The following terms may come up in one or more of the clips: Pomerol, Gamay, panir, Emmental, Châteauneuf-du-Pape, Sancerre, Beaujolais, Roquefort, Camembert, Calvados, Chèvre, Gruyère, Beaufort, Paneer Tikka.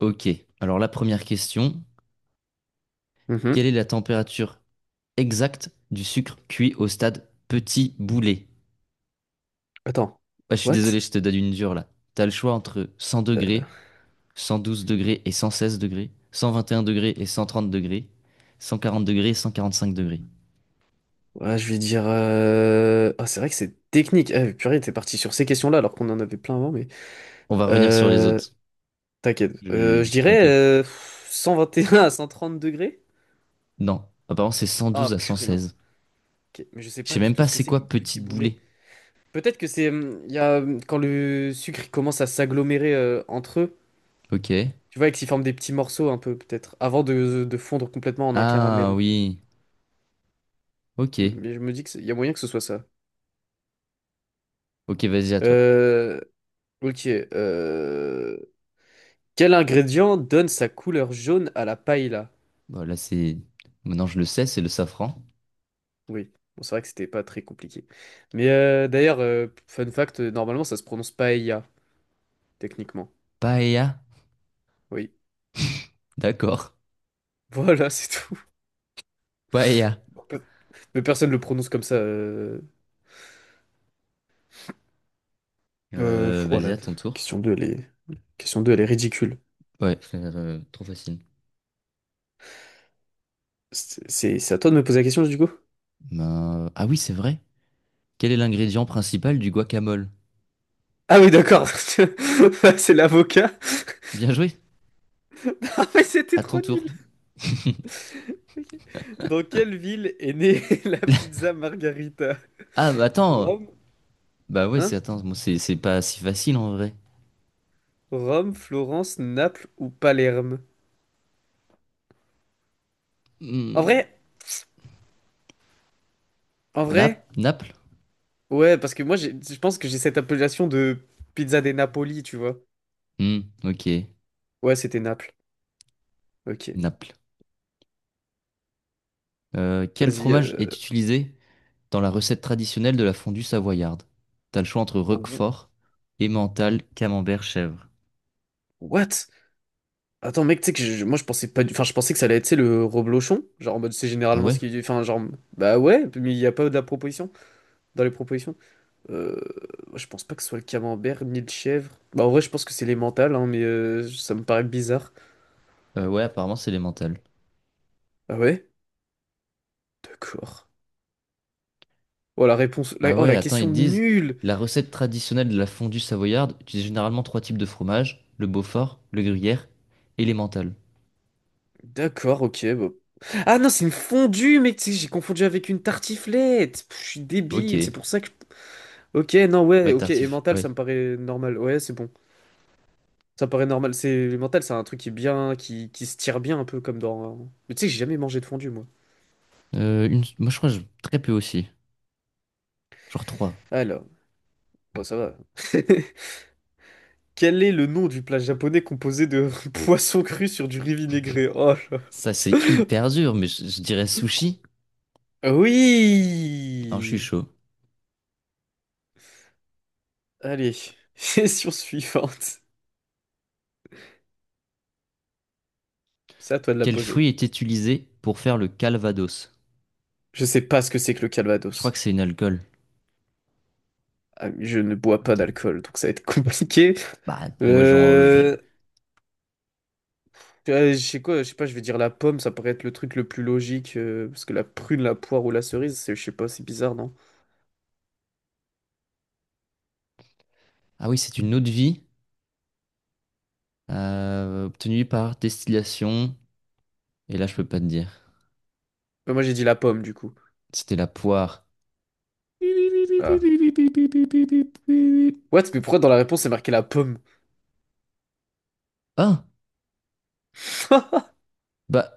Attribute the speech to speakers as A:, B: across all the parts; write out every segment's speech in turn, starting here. A: Ok, alors la première question,
B: Mhm.
A: quelle est la température exacte du sucre cuit au stade petit boulet?
B: Attends.
A: Ah je suis désolé,
B: What?
A: je te donne une dure là. T'as le choix entre 100 degrés, 112 degrés et 116 degrés, 121 degrés et 130 degrés, 140 degrés et 145 degrés.
B: Ouais, je vais dire, ah, c'est vrai que c'est technique. Ah, purée, t'es parti sur ces questions-là alors qu'on en avait plein avant, mais.
A: On va revenir sur les
B: Euh,
A: autres.
B: T'inquiète.
A: Je me
B: Je
A: suis
B: dirais
A: trompé.
B: 121 à 130 degrés.
A: Non, apparemment c'est
B: Ah,
A: 112 à
B: purée, non.
A: 116.
B: Ok. Mais je sais
A: Je sais
B: pas du
A: même
B: tout
A: pas
B: ce que
A: c'est
B: c'est que
A: quoi
B: petit
A: petite
B: boulet.
A: boulet.
B: Peut-être que c'est, il y a, quand le sucre il commence à s'agglomérer entre eux,
A: Ok.
B: tu vois, et qu'ils forment des petits morceaux un peu, peut-être, avant de fondre complètement en un
A: Ah
B: caramel.
A: oui. Ok.
B: Mais je me dis qu'il y a moyen que ce soit ça.
A: Ok, vas-y à toi.
B: Euh. Ok, Quel ingrédient donne sa couleur jaune à la paella?
A: Voilà, c'est... Maintenant je le sais, c'est le safran.
B: Oui, bon, c'est vrai que c'était pas très compliqué. Mais d'ailleurs, fun fact, normalement ça se prononce paella, techniquement.
A: Paella?
B: Oui,
A: D'accord.
B: voilà, c'est tout.
A: Paella.
B: Mais personne le prononce comme ça.
A: Vas-y,
B: Voilà,
A: à ton tour.
B: question 2 elle est... question 2 elle est ridicule.
A: Ouais. Je Trop facile.
B: C'est à toi de me poser la question, du coup?
A: Ben, ah oui, c'est vrai. Quel est l'ingrédient principal du guacamole?
B: Ah oui, d'accord. C'est l'avocat.
A: Bien joué.
B: Ah, mais c'était
A: À ton
B: trop
A: tour.
B: nul. Ok. Dans quelle ville est née la pizza Margarita?
A: Ah, bah attends.
B: Rome?
A: Bah ouais, c'est
B: Hein?
A: attends, moi, c'est pas si facile en vrai.
B: Rome, Florence, Naples ou Palerme? En vrai,
A: Hmm,
B: en vrai,
A: Naples?
B: ouais, parce que moi, je pense que j'ai cette appellation de pizza des Napoli, tu vois.
A: Hmm, ok.
B: Ouais, c'était Naples. Ok.
A: Naples. Quel
B: Vas-y.
A: fromage est utilisé dans la recette traditionnelle de la fondue savoyarde? T'as le choix entre
B: Oh,
A: Roquefort, Emmental, Camembert, Chèvre.
B: what? Attends, mec, tu sais que moi, je pensais pas du... Enfin, je pensais que ça allait être, tu sais, le reblochon. Genre, en mode, c'est
A: Ah
B: généralement ce
A: ouais?
B: qui... Enfin, genre... Bah ouais, mais il n'y a pas de la proposition. Dans les propositions. Euh, je pense pas que ce soit le camembert, ni le chèvre. Bah, en vrai, je pense que c'est les mentales, hein, mais ça me paraît bizarre.
A: Ouais, apparemment c'est l'Emmental.
B: Ah ouais? D'accord. Oh, la réponse.
A: Ah
B: Oh,
A: ouais,
B: la
A: attends,
B: question
A: ils disent
B: nulle!
A: la recette traditionnelle de la fondue savoyarde utilise généralement trois types de fromage, le Beaufort, le gruyère et l'emmental.
B: D'accord, ok, bah. Ah non, c'est une fondue, mec! Tu sais, j'ai confondu avec une tartiflette! Je suis
A: Ok,
B: débile, c'est pour ça que. Ok, non, ouais,
A: ouais,
B: ok. Et
A: tartif,
B: mental, ça me
A: ouais.
B: paraît normal. Ouais, c'est bon. Ça me paraît normal. Le mental, c'est un truc qui est bien, qui se tire bien un peu comme dans. Mais tu sais que j'ai jamais mangé de fondue, moi.
A: Une... Moi, je crois que très peu aussi, genre trois.
B: Alors, bon, ça va. Quel est le nom du plat japonais composé de poisson cru sur du riz vinaigré? Oh là.
A: Ça, c'est hyper dur, mais je dirais sushi. Non, je suis
B: Oui!
A: chaud.
B: Allez, question suivante. C'est à toi de la
A: Quel fruit
B: poser.
A: est utilisé pour faire le calvados?
B: Je sais pas ce que c'est que le
A: Je crois que
B: Calvados.
A: c'est une alcool.
B: Ah, je ne bois pas
A: Attends.
B: d'alcool, donc ça va être compliqué.
A: Bah, moi, j'en.
B: Euh... je sais quoi, je sais pas, je vais dire la pomme, ça paraît être le truc le plus logique, parce que la prune, la poire ou la cerise, je sais pas, c'est bizarre, non?
A: Ah oui, c'est une eau de vie obtenue par distillation. Et là, je peux pas te dire.
B: Mais moi j'ai dit la pomme, du coup.
A: C'était la poire. Bip, bip, bip, bip,
B: Ah.
A: bip, bip, bip, bip, bip, bip, bip,
B: What? Mais pourquoi dans la réponse c'est marqué la pomme?
A: ah, bah,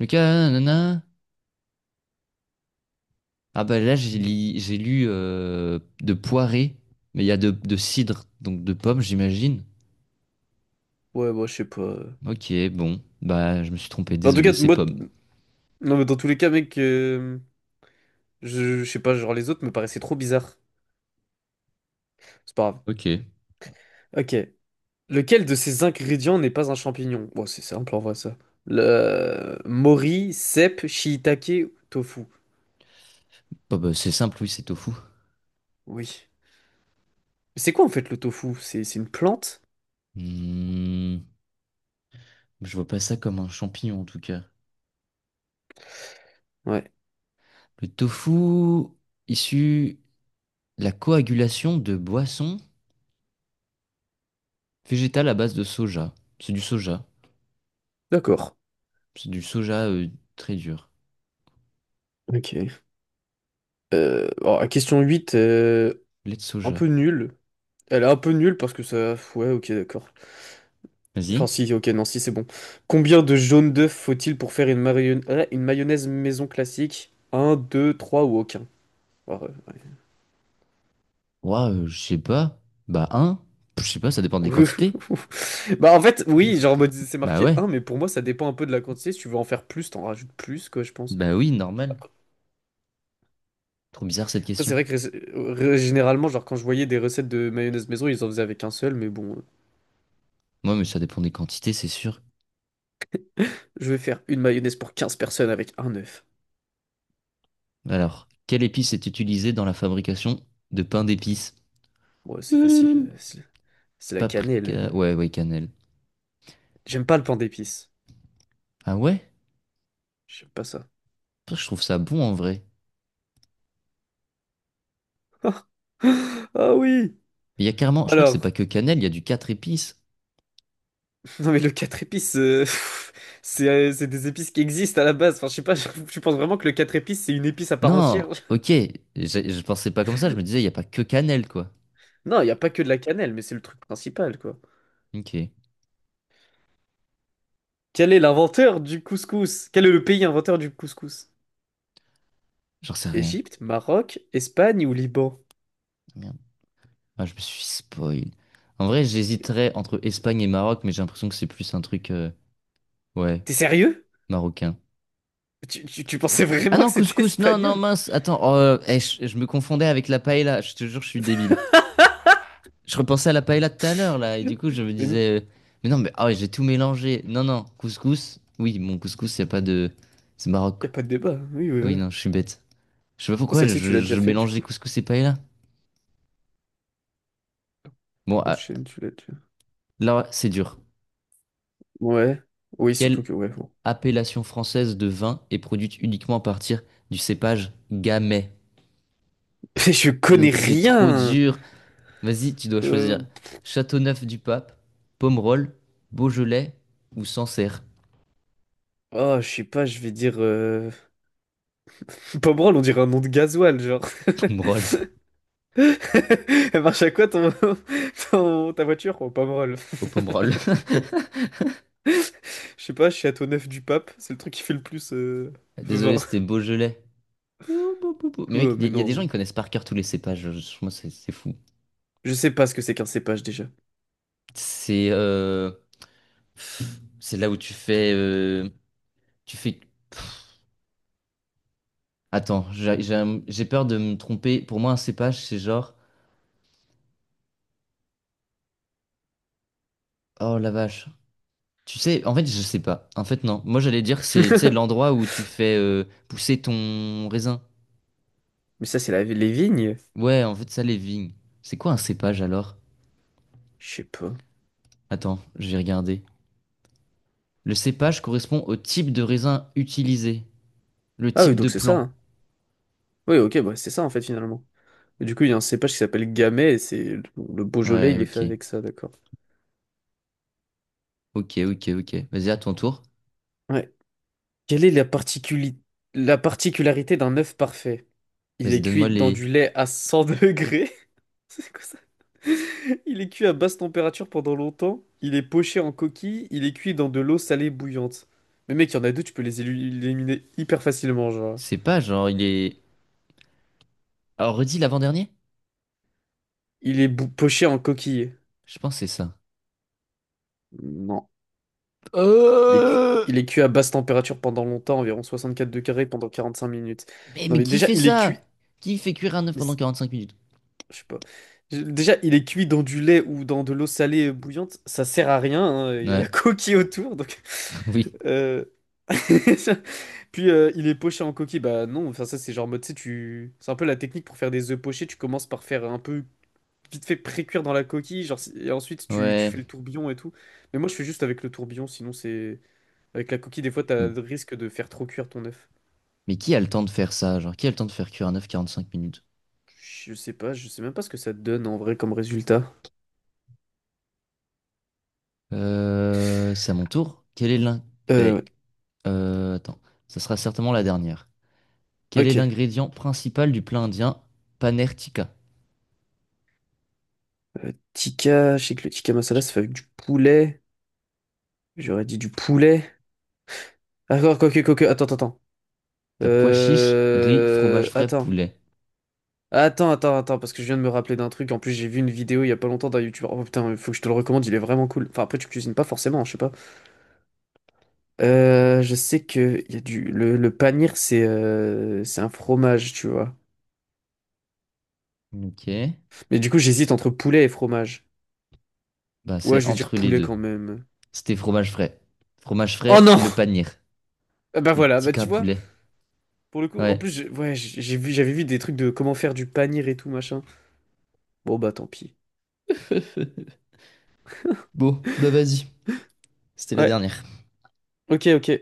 A: Lucas, nanana. Ah, bah là, j'ai lu de poirée, mais il y a de cidre, donc de pommes, j'imagine.
B: Ouais, moi je sais pas.
A: Ok, bon, bah, je me suis trompé,
B: Mais en tout
A: désolé,
B: cas,
A: c'est pomme.
B: non mais dans tous les cas, mec, je sais pas, genre les autres me paraissaient trop bizarres. C'est pas grave.
A: Ok.
B: Ok. Lequel de ces ingrédients n'est pas un champignon? Bon, c'est simple en vrai ça. Le mori, cèpe, shiitake, tofu.
A: Bah, c'est simple, oui, c'est tofu.
B: Oui. Mais c'est quoi en fait le tofu? C'est une plante?
A: Hmm, je vois pas ça comme un champignon, en tout cas.
B: Ouais.
A: Le tofu, issu de la coagulation de boissons végétales à base de soja. C'est du soja.
B: D'accord.
A: C'est du soja très dur.
B: Ok. Alors, la question 8,
A: Lait de
B: un peu
A: soja.
B: nulle. Elle est un peu nulle parce que ça... Ouais, ok, d'accord. Enfin
A: Vas-y.
B: si, ok, non, si, c'est bon. Combien de jaunes d'œufs faut-il pour faire une mayonnaise maison classique? Un, 2, 3 ou aucun? Alors,
A: Waouh, je sais pas. Bah, un. Je sais pas, ça dépend des
B: oui,
A: quantités.
B: bah en fait, oui, genre en mode, c'est
A: Bah
B: marqué
A: ouais.
B: un, mais pour moi ça dépend un peu de la quantité. Si tu veux en faire plus, t'en rajoutes plus, quoi, je pense.
A: Bah oui, normal. Trop bizarre cette
B: Après c'est
A: question.
B: vrai que généralement, genre, quand je voyais des recettes de mayonnaise maison, ils en faisaient avec un seul, mais bon,
A: Moi, mais ça dépend des quantités, c'est sûr.
B: je vais faire une mayonnaise pour 15 personnes avec un œuf.
A: Alors, quelle épice est utilisée dans la fabrication de pain d'épices?
B: Ouais, c'est facile, c'est la cannelle
A: Paprika.
B: euh.
A: Ouais, ouais, cannelle.
B: J'aime pas le pain d'épices.
A: Ah ouais?
B: J'aime pas ça.
A: Putain, je trouve ça bon en vrai.
B: Ah oui.
A: Il y a carrément, je crois que
B: Alors
A: c'est pas que cannelle, il y a du quatre épices.
B: non, mais le 4 épices, c'est des épices qui existent à la base, enfin je sais pas, je pense vraiment que le 4 épices c'est une épice à part
A: Non,
B: entière.
A: ok. Je pensais pas comme ça, je me disais, il y a pas que cannelle, quoi.
B: Non, il n'y a pas que de la cannelle, mais c'est le truc principal, quoi.
A: Ok.
B: Quel est l'inventeur du couscous? Quel est le pays inventeur du couscous?
A: J'en sais rien.
B: Égypte, Maroc, Espagne ou Liban?
A: Merde. Ah, je me suis spoil. En vrai, j'hésiterais entre Espagne et Maroc, mais j'ai l'impression que c'est plus un truc, ouais,
B: T'es sérieux?
A: marocain.
B: Tu pensais
A: Ah
B: vraiment
A: non,
B: que c'était
A: couscous, non, non,
B: espagnol?
A: mince, attends, oh, je me confondais avec la paella, je te jure, je suis débile. Je repensais à la paella de tout à l'heure, là, et du coup, je me
B: Mais il
A: disais, mais non, mais ah ouais, j'ai tout mélangé. Non, non, couscous, oui, mon couscous, y a pas de... C'est Maroc.
B: a pas de débat, hein. Oui, oui,
A: Oui,
B: voilà.
A: non, je suis bête. Je sais pas
B: Bon,
A: pourquoi,
B: celle-ci, tu l'as déjà
A: je
B: faite, du
A: mélangeais
B: coup.
A: couscous et paella. Bon, ah,
B: Prochaine, tu l'as déjà.
A: là, c'est dur.
B: Ouais. Oui, surtout
A: Quel
B: que, ouais, bon.
A: appellation française de vin et produite uniquement à partir du cépage Gamay.
B: Je connais
A: Donc, c'est trop
B: rien!
A: dur. Vas-y, tu dois
B: Euh...
A: choisir Châteauneuf-du-Pape, Pomerol, Beaujolais ou Sancerre.
B: Oh, je sais pas, je vais dire... Pomerol, on dirait un nom de gasoil, genre.
A: Pomerol.
B: Elle marche à quoi ton, ta voiture? Oh, pas mal.
A: Au Pomerol.
B: Je sais pas, je suis à ton 9 du pape. C'est le truc qui fait le plus
A: Désolé,
B: vin.
A: c'était Beaujolais. Ouh, bou, bou, bou. Mais mec,
B: Quoi, mais
A: il y a des gens qui
B: non.
A: connaissent par cœur tous les cépages. Moi, c'est fou.
B: Je sais pas ce que c'est qu'un cépage déjà.
A: C'est euh, c'est là où tu fais tu fais. Attends, j'ai peur de me tromper. Pour moi, un cépage, c'est genre oh la vache. Tu sais, en fait, je sais pas. En fait, non. Moi, j'allais dire que c'est, tu sais, l'endroit où tu fais pousser ton raisin.
B: Mais ça, c'est les vignes?
A: Ouais, en fait, ça, les vignes. C'est quoi un cépage alors?
B: Je sais pas.
A: Attends, je vais regarder. Le cépage correspond au type de raisin utilisé, le
B: Ah oui,
A: type de
B: donc c'est ça,
A: plant.
B: hein. Oui, ok, bah c'est ça en fait finalement. Et du coup, il y a un cépage qui s'appelle Gamay et c'est le Beaujolais,
A: Ouais,
B: il est fait
A: ok.
B: avec ça, d'accord.
A: Ok, ok, ok. Vas-y, à ton tour.
B: Ouais. Quelle est la particularité d'un œuf parfait? Il
A: Vas-y,
B: est cuit
A: donne-moi
B: dans
A: les
B: du lait à 100 degrés. C'est quoi? Il est cuit à basse température pendant longtemps, il est poché en coquille, il est cuit dans de l'eau salée bouillante. Mais mec, il y en a deux, tu peux les éliminer hyper facilement, genre.
A: cépages. Genre, il est. Alors, redis l'avant-dernier?
B: Il est poché en coquille.
A: Je pense que c'est ça.
B: Non. Il est cuit.
A: Euh...
B: Il est cuit à basse température pendant longtemps, environ 64 degrés pendant 45 minutes.
A: Mais,
B: Non mais
A: qui
B: déjà,
A: fait
B: il est
A: ça?
B: cuit.
A: Qui fait cuire un œuf
B: Mais
A: pendant 45 minutes?
B: je sais pas. Déjà, il est cuit dans du lait ou dans de l'eau salée bouillante, ça sert à rien, hein. Il y a la
A: Ouais,
B: coquille autour, donc.
A: oui.
B: Euh, Puis il est poché en coquille. Bah non, enfin ça c'est genre mode, tu sais, tu... C'est un peu la technique pour faire des œufs pochés. Tu commences par faire un peu vite fait pré-cuire dans la coquille, genre, et ensuite tu
A: Ouais,
B: fais le tourbillon et tout. Mais moi je fais juste avec le tourbillon, sinon c'est... Avec la coquille, des fois t'as
A: bon.
B: le risque de faire trop cuire ton œuf.
A: Mais qui a le temps de faire ça? Genre, qui a le temps de faire cuire un œuf 45 minutes?
B: Je sais pas, je sais même pas ce que ça te donne en vrai comme résultat.
A: C'est à mon tour. Quel est l'in...
B: Euh,
A: eh, attends, ça sera certainement la dernière.
B: ouais,
A: Quel est
B: ok.
A: l'ingrédient principal du plat indien Paneer Tikka?
B: Tikka, je sais que le tikka masala ça fait avec du poulet. J'aurais dit du poulet. D'accord, quoi que, quoi. Attends, attends, attends.
A: T'as pois chiche, riz, fromage frais,
B: Attends.
A: poulet.
B: Attends, attends, attends, parce que je viens de me rappeler d'un truc. En plus, j'ai vu une vidéo il y a pas longtemps d'un youtubeur. Oh putain, il faut que je te le recommande, il est vraiment cool. Enfin, après, tu cuisines pas forcément, je sais pas. Je sais que il y a du... le panir, c'est un fromage, tu vois.
A: Ok.
B: Mais du coup, j'hésite entre poulet et fromage.
A: Bah,
B: Ouais,
A: c'est
B: je vais dire
A: entre les
B: poulet
A: deux.
B: quand même.
A: C'était fromage frais. Fromage
B: Oh
A: frais,
B: non!
A: le paneer.
B: Ah, bah
A: Et
B: voilà, bah
A: tikka,
B: tu vois,
A: poulet.
B: pour le coup, en
A: Ouais.
B: plus, ouais, j'ai vu, j'avais vu des trucs de comment faire du panir et tout, machin. Bon, bah tant pis.
A: Bon, bah vas-y. C'était la
B: Ouais,
A: dernière.
B: ok, ok.